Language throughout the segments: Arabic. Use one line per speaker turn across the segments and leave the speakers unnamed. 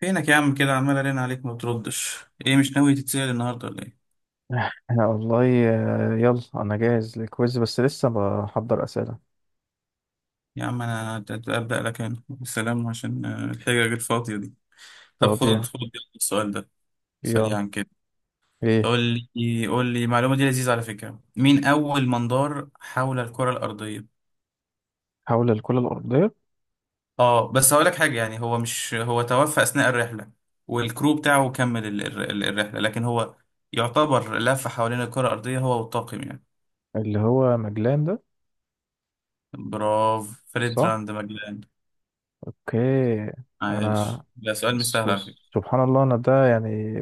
فينك يا عم كده عمال ارن عليك ما بتردش؟ ايه، مش ناوي تتسأل النهارده ولا ايه؟
أنا والله يلا انا جاهز للكويز، بس لسه بحضر اسئله.
يا عم انا ابدأ لك انا السلام عشان الحجج الفاضية دي. طب
طب
خد خد السؤال ده
يلا،
سريعا كده.
ايه؟
قول لي قول لي المعلومة دي لذيذة على فكرة، مين اول من دار حول الكرة الأرضية؟
حول الكره الارضيه.
اه، بس هقول لك حاجة، يعني هو، مش هو توفى أثناء الرحلة والكرو بتاعه كمل الرحلة، لكن هو يعتبر لف حوالين الكرة الأرضية هو والطاقم يعني.
اللي هو مجلان ده.
برافو فريد،
صح.
راند ماجلان.
اوكي. انا
عايش. لا سؤال مش
س-
سهل على فكرة.
سبحان الله، انا ده يعني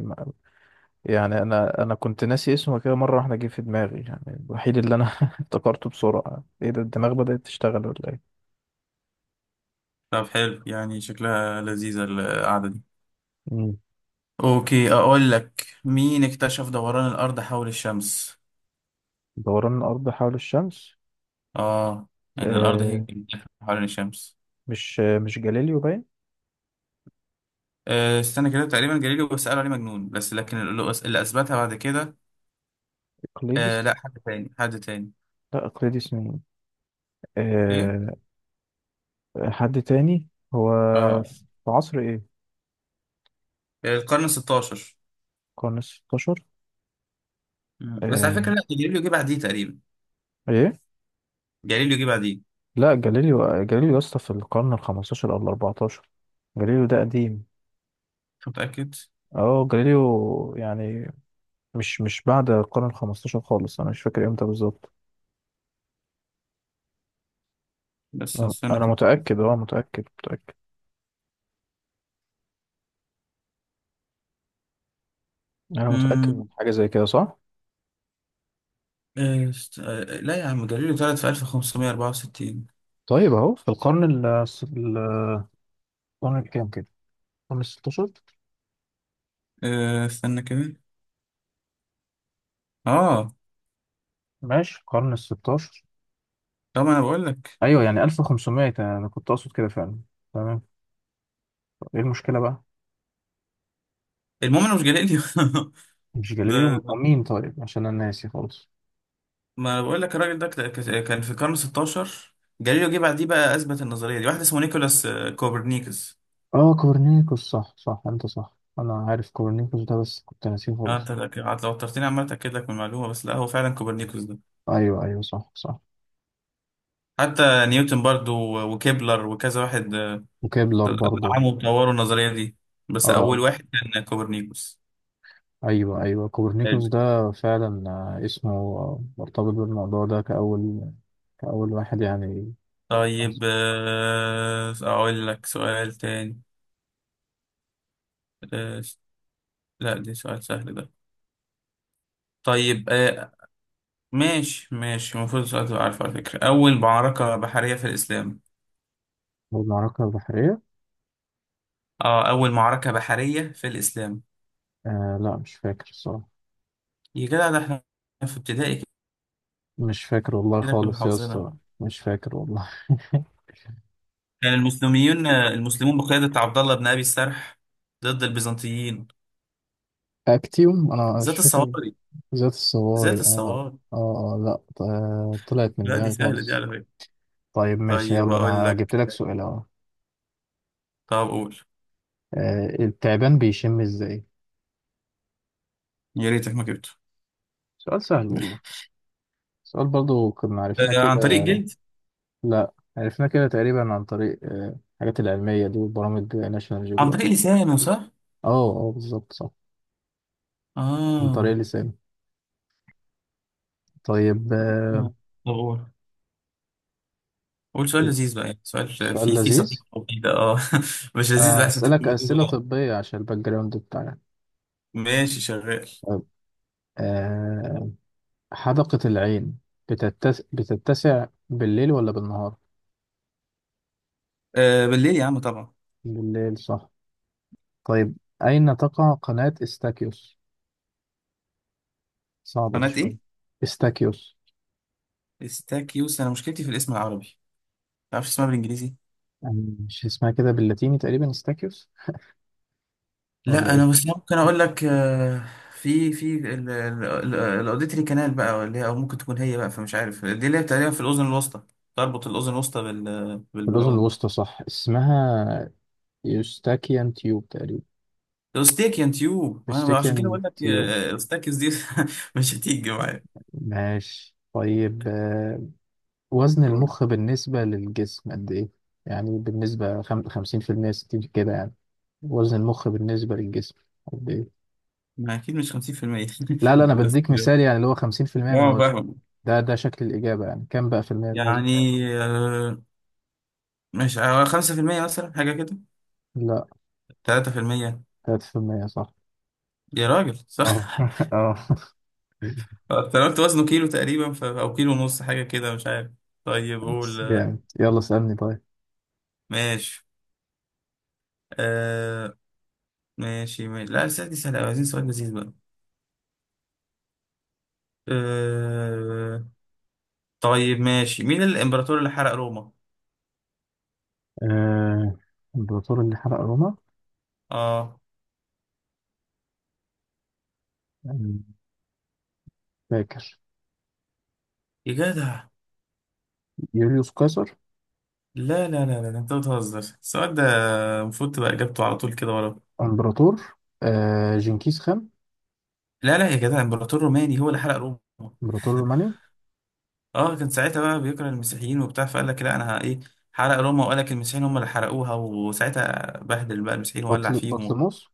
يعني انا كنت ناسي اسمه، كده مره واحده جه في دماغي يعني. الوحيد اللي انا افتكرته بسرعه. ايه ده، الدماغ بدات تشتغل ولا ايه؟
طب حلو، يعني شكلها لذيذة القعدة دي.
مم.
اوكي، اقول لك مين اكتشف دوران الارض حول الشمس؟
دوران الارض حول الشمس.
اه، ان الارض هي
آه
اللي بتلف حوالين الشمس.
مش جاليليو باين؟
آه استنى كده، تقريبا جاليليو بس قالوا عليه مجنون، بس لكن اللي اللي اثبتها بعد كده. آه
اقليدس.
لا، حد تاني حد تاني.
لا، اقليدس مين؟
ايه،
آه، حد تاني. هو
اه
في عصر ايه؟
القرن 16.
القرن الستاشر.
مم. بس على
آه.
فكرة لا، جاليليو جه بعديه تقريبا.
ايه؟
جاليليو جه بعديه.
لا، جاليليو جاليليو يا اسطى في القرن الخمستاشر او الاربعتاشر. جاليليو ده قديم.
متأكد؟
اه، جاليليو يعني، مش بعد القرن الخمستاشر خالص. انا مش فاكر امتى بالظبط.
بس
آه،
استنى
انا
كده.
متأكد، اه متأكد متأكد. انا متأكد
مم.
من حاجة زي كده، صح.
إيه، است... آه، آه، لا يا عم، جاليليو اتولد في 1564.
طيب، اهو في القرن ال- القرن الكام كده؟ القرن الستاشر.
أه استنى كده. اه
ماشي، القرن الستاشر.
طب، ما انا بقول لك.
ايوه، يعني 1500 انا كنت اقصد كده فعلا. تمام. ايه المشكلة بقى؟
المهم انا مش جاليليو.
مش جاليليو.
ده
مين طيب، عشان انا ناسي خالص.
ما انا بقول لك الراجل ده كان في القرن 16. جاليليو جه بعديه. بقى اثبت النظريه دي واحد اسمه نيكولاس كوبرنيكوس.
اه، كورنيكوس، صح صح. انت صح، انا عارف كورنيكوس ده بس كنت ناسيه
اه
خالص.
انت لو اضطرتني عمال اتاكد لك من المعلومه، بس لا هو فعلا كوبرنيكوس ده.
ايوه ايوه، صح صح.
حتى نيوتن برضو وكيبلر وكذا واحد
وكيبلر برضه.
دعموا وطوروا النظريه دي،
اه،
بس اول واحد كان كوبرنيكوس.
ايوه ايوه، كورنيكوس ده فعلا. اسمه مرتبط بالموضوع ده كأول واحد يعني.
طيب أقول لك سؤال تاني. آه، لا ده سؤال سهل ده. طيب ماشي ماشي، المفروض السؤال تبقى عارفه على فكرة، أول معركة بحرية في الإسلام.
هو المعركة البحرية؟
اه، أول معركة بحرية في الإسلام.
لا، مش فاكر الصراحة.
يا جدع، ده احنا في ابتدائي
مش فاكر والله
كده كنا
خالص يا
حافظينها.
اسطى. مش فاكر والله
كان المسلمين المسلمون بقيادة عبد الله بن أبي السرح ضد البيزنطيين.
اكتيوم، انا مش
ذات
فاكر.
الصواري.
ذات
ذات
الصواري. اه
الصواري.
اه اه، لا، طلعت من
لا دي
دماغي
سهلة دي
خالص.
على فكرة.
طيب ماشي.
طيب
يلا
أقول
انا جبت
لك.
لك سؤال اهو.
طب قول.
التعبان بيشم ازاي؟
يا ريتك ما جبته.
سؤال سهل والله. سؤال برضو كنا عرفناه كده.
عن طريق جلد.
لا، عرفناه كده تقريبا، عن طريق الحاجات العلمية دي وبرامج ناشونال
عن طريق
جيوغرافيك.
لسانه، صح؟
اه اه، بالظبط، صح. عن طريق
اه.
لساني. طيب،
آه. طبعا. قول سؤال لذيذ بقى، يعني سؤال
سؤال
فيه
لذيذ.
سقيقة وكده اه. مش لذيذ، لا سقيقة
هسألك
ولذيذ
أسئلة
اه.
طبية عشان الباك جراوند بتاعنا.
ماشي شغال.
طيب. آه، حدقة العين بتتسع بالليل ولا بالنهار؟
آه بالليل يا عم طبعا.
بالليل صح. طيب، أين تقع قناة استاكيوس؟ صعبة دي
قناة
شوية.
ايه؟
استاكيوس.
استاكيوس، انا مشكلتي في الاسم العربي، ما تعرفش اسمها بالانجليزي؟
يعني مش اسمها كده باللاتيني تقريبا استاكيوس، ولا
لا انا
إيه؟
بس ممكن اقول لك آه، في الاوديتري كانال بقى، اللي هي او ممكن تكون هي بقى، فمش عارف، دي اللي هي تقريبا في الاذن الوسطى، تربط الاذن الوسطى
في الأذن
بالعوم.
الوسطى، صح. اسمها يوستاكيان تيوب تقريبا.
الاستاك يا نتيوب، وانا عشان كده
يوستاكيان
بقول لك
تيوب.
الاستاكس دي. مش هتيجي معايا.
ماشي طيب. وزن
قول.
المخ بالنسبة للجسم قد إيه؟ يعني بالنسبة خمسين في المية، ستين كده يعني. وزن المخ بالنسبة للجسم قد إيه؟
ما اكيد مش 50%.
لا لا، أنا
بس
بديك
اه،
مثال، يعني اللي هو خمسين في المية من وزنه.
فاهم.
ده شكل الإجابة. يعني كام بقى في المية من وزنه؟
يعني آه، مش 5% مثلا، حاجه كده.
لا.
3%.
تلاتة في المية، صح.
يا راجل
اه
صح.
اه.
انا قلت وزنه كيلو تقريبا او كيلو ونص حاجه كده، مش عارف. طيب قول
بس جامد. يلا اسألني طيب.
ماشي. آه. ماشي ماشي، لا السؤال دي سهله أوي، عايزين سؤال لذيذ بقى. آه. طيب ماشي، مين الامبراطور اللي حرق روما؟
آه. الإمبراطور اللي حرق روما.
اه.
آه، فاكر.
يا جدع،
يوليوس قيصر.
لا لا لا لا، انت بتهزر؟ السؤال ده المفروض تبقى اجابته على طول كده ورا.
إمبراطور. جنكيز خان.
لا لا يا جدع، الامبراطور الروماني هو اللي حرق روما.
إمبراطور روماني.
اه كان ساعتها بقى بيكره المسيحيين وبتاع، فقال لك لا انا ايه، حرق روما وقال لك المسيحيين هم اللي حرقوها، وساعتها بهدل بقى المسيحيين وولع فيهم.
بطليموس.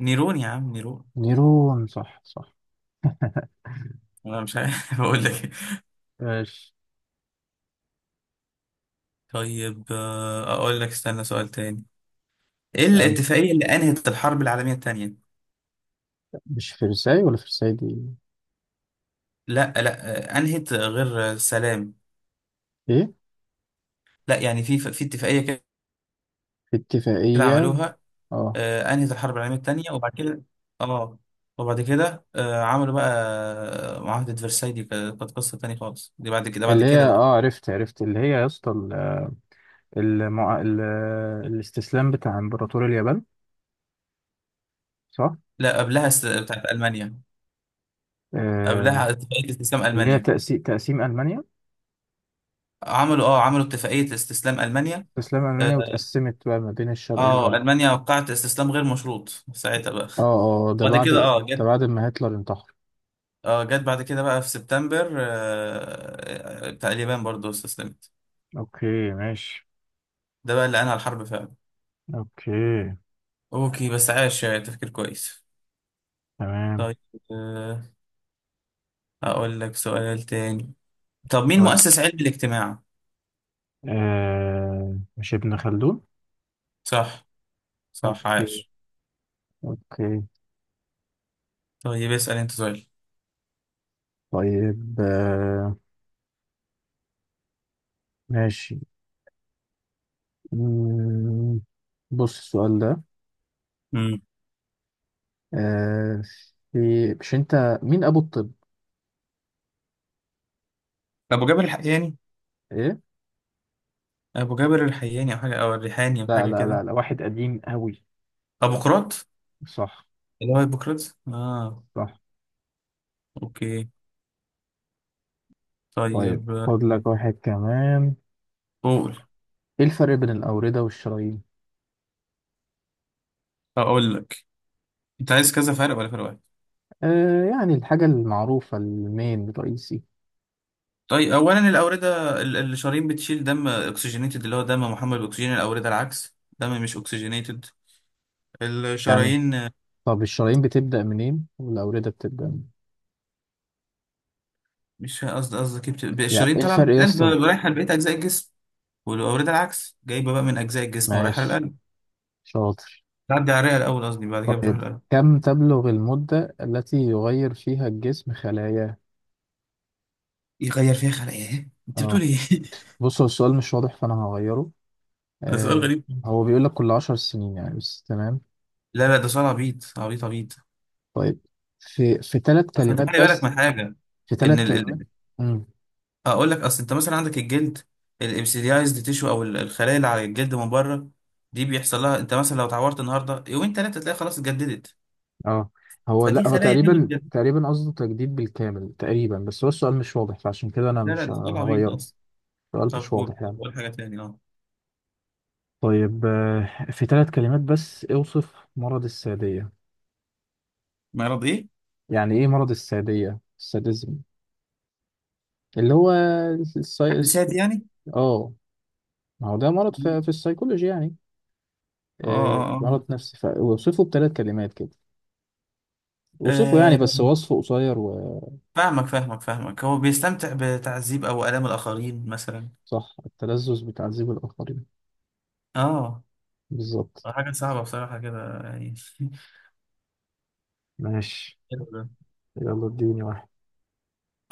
نيرون يا عم، نيرون.
نيرون، صح صح.
انا مش عارف اقول لك إيه.
ماشي.
طيب اقول لك، استنى سؤال تاني. ايه
اسأل.
الاتفاقية اللي انهت الحرب العالمية التانية؟
مش فرساي، ولا فرساي دي؟
لا لا انهت غير سلام.
ايه؟
لا يعني في اتفاقية
في
كده
اتفاقية.
عملوها
اه.
انهت الحرب العالميه الثانيه، وبعد كده اه، وبعد كده عملوا بقى معاهده فرساي. دي كانت قصه ثانيه خالص، دي بعد كده، بعد
اللي
كده
هي،
بقى.
اه، عرفت اللي هي يا اسطى المع... ال... الاستسلام بتاع امبراطور اليابان، صح.
لا قبلها بتاعت المانيا.
آه.
قبلها اتفاقيه استسلام
اللي هي
المانيا.
تقسيم ألمانيا.
عملوا اه، عملوا اتفاقيه استسلام المانيا.
استسلام ألمانيا
اه
وتقسمت بقى ما بين الشرق والغرب.
المانيا وقعت استسلام غير مشروط ساعتها بقى.
اه اه،
بعد كده اه
ده
جت.
بعد ما هتلر انتحر.
اه جت بعد كده بقى في سبتمبر بتاع اليابان برضه استسلمت.
اوكي ماشي.
ده بقى اللي انهى الحرب فعلا.
اوكي.
اوكي بس عاش تفكير كويس.
تمام.
طيب آه، أقول لك سؤال تاني. طب مين
قول.
مؤسس علم الاجتماع؟
مش ابن خلدون؟
صح. صح
اوكي.
عاش.
اوكي.
طيب اسأل أنت سؤال.
طيب، ماشي. مم، بص السؤال ده.
مم.
آه في، مش انت، مين ابو الطب؟
أبو جابر الحياني.
ايه؟
أبو جابر الحياني، أو حاجة، أو الريحاني، أو
لا
حاجة
لا لا
كده.
لا، واحد قديم قوي.
أبو قراط.
صح
اللي هو هيبوقراtes آه.
صح.
أوكي.
طيب،
طيب
خد لك واحد كمان.
قول.
ايه الفرق بين الاوردة والشرايين؟
أقول لك، أنت عايز كذا فرق ولا فرق واحد؟
يعني الحاجة المعروفة، المين الرئيسي
طيب أولا الأوردة الشرايين بتشيل دم أكسجينيتد، اللي هو دم محمل بأكسجين، الأوردة العكس دم مش أكسجينيتد.
يعني.
الشرايين،
طب الشرايين بتبدأ منين والاوردة بتبدأ منين؟
مش قصدي، قصدك إيه؟
يعني
الشرايين
ايه
طالعه
الفرق يا
من القلب
اسطى؟
رايحه لبقيه اجزاء الجسم، والأوردة العكس جايبة بقى من أجزاء الجسم ورايحة
ماشي
للقلب.
شاطر.
تعدي على الرئة الأول، قصدي بعد كده بتروح
طيب،
للقلب.
كم تبلغ المدة التي يغير فيها الجسم خلاياه؟
يغير فيها خلق إيه؟ أنت بتقول
اه،
إيه؟
بص هو السؤال مش واضح، فأنا هغيره.
ده سؤال
آه
غريب.
هو بيقول لك كل عشر سنين يعني، بس تمام.
لا لا ده سؤال عبيط عبيط عبيط.
طيب، في ثلاث
أصل أنت خلي
كلمات
بالك
بس.
من حاجة،
في
إن
ثلاث كلمات امم
أقول لك، أصل أنت مثلا عندك الجلد، الإبسيديايزد تيشو، أو الخلايا اللي على الجلد من بره، دي بيحصل لها، أنت مثلا لو اتعورت النهاردة، يومين تلاتة تلاقي خلاص اتجددت.
اه، هو،
فدي
لا هو
خلايا هي
تقريبا،
بتجدد.
تقريبا قصده تجديد بالكامل تقريبا، بس هو السؤال مش واضح، فعشان كده أنا
لا لا
مش
ده سؤال عبيط
هغيره.
أصلا.
السؤال
طب
مش
قول،
واضح
طب
يعني.
قول حاجة تاني، أه.
طيب، في ثلاث كلمات بس، اوصف مرض السادية.
مرض إيه؟
يعني إيه مرض السادية؟ الساديزم، اللي هو
حد
السايس.
سادي يعني؟
اه، ما هو ده مرض في السيكولوجي يعني.
اه اه
مرض
اه.
نفسي، فوصفه بثلاث كلمات كده. وصفه يعني، بس
أه
وصفه قصير.
فاهمك فاهمك فاهمك، هو بيستمتع بتعذيب او الام الاخرين مثلا.
وصح. التلذذ بتعذيب الآخرين.
اه.
بالظبط.
حاجه صعبه بصراحه كده يعني.
ماشي.
حلو ده.
يلا اديني واحد.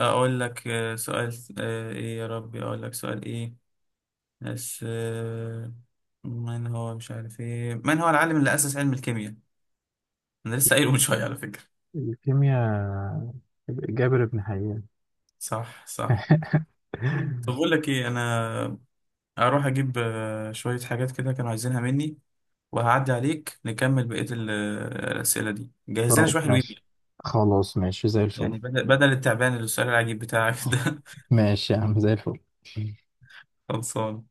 اقول لك سؤال ايه يا ربي، اقول لك سؤال ايه، بس من هو، مش عارف ايه، من هو العالم اللي اسس علم الكيمياء؟ انا لسه قايله من شويه على فكره.
الكيمياء. جابر بن حيان.
صح. صح. طب بقول لك ايه، انا هروح اجيب شويه حاجات كده كانوا عايزينها مني، وهعدي عليك نكمل بقيه الاسئله دي. جهز لنا
طب
شويه حلوين،
ماشي. خلاص ماشي زي
يعني
الفل.
بدل بدل التعبان اللي السؤال العجيب بتاعك ده.
ماشي يا عم زي الفل.
خلصان.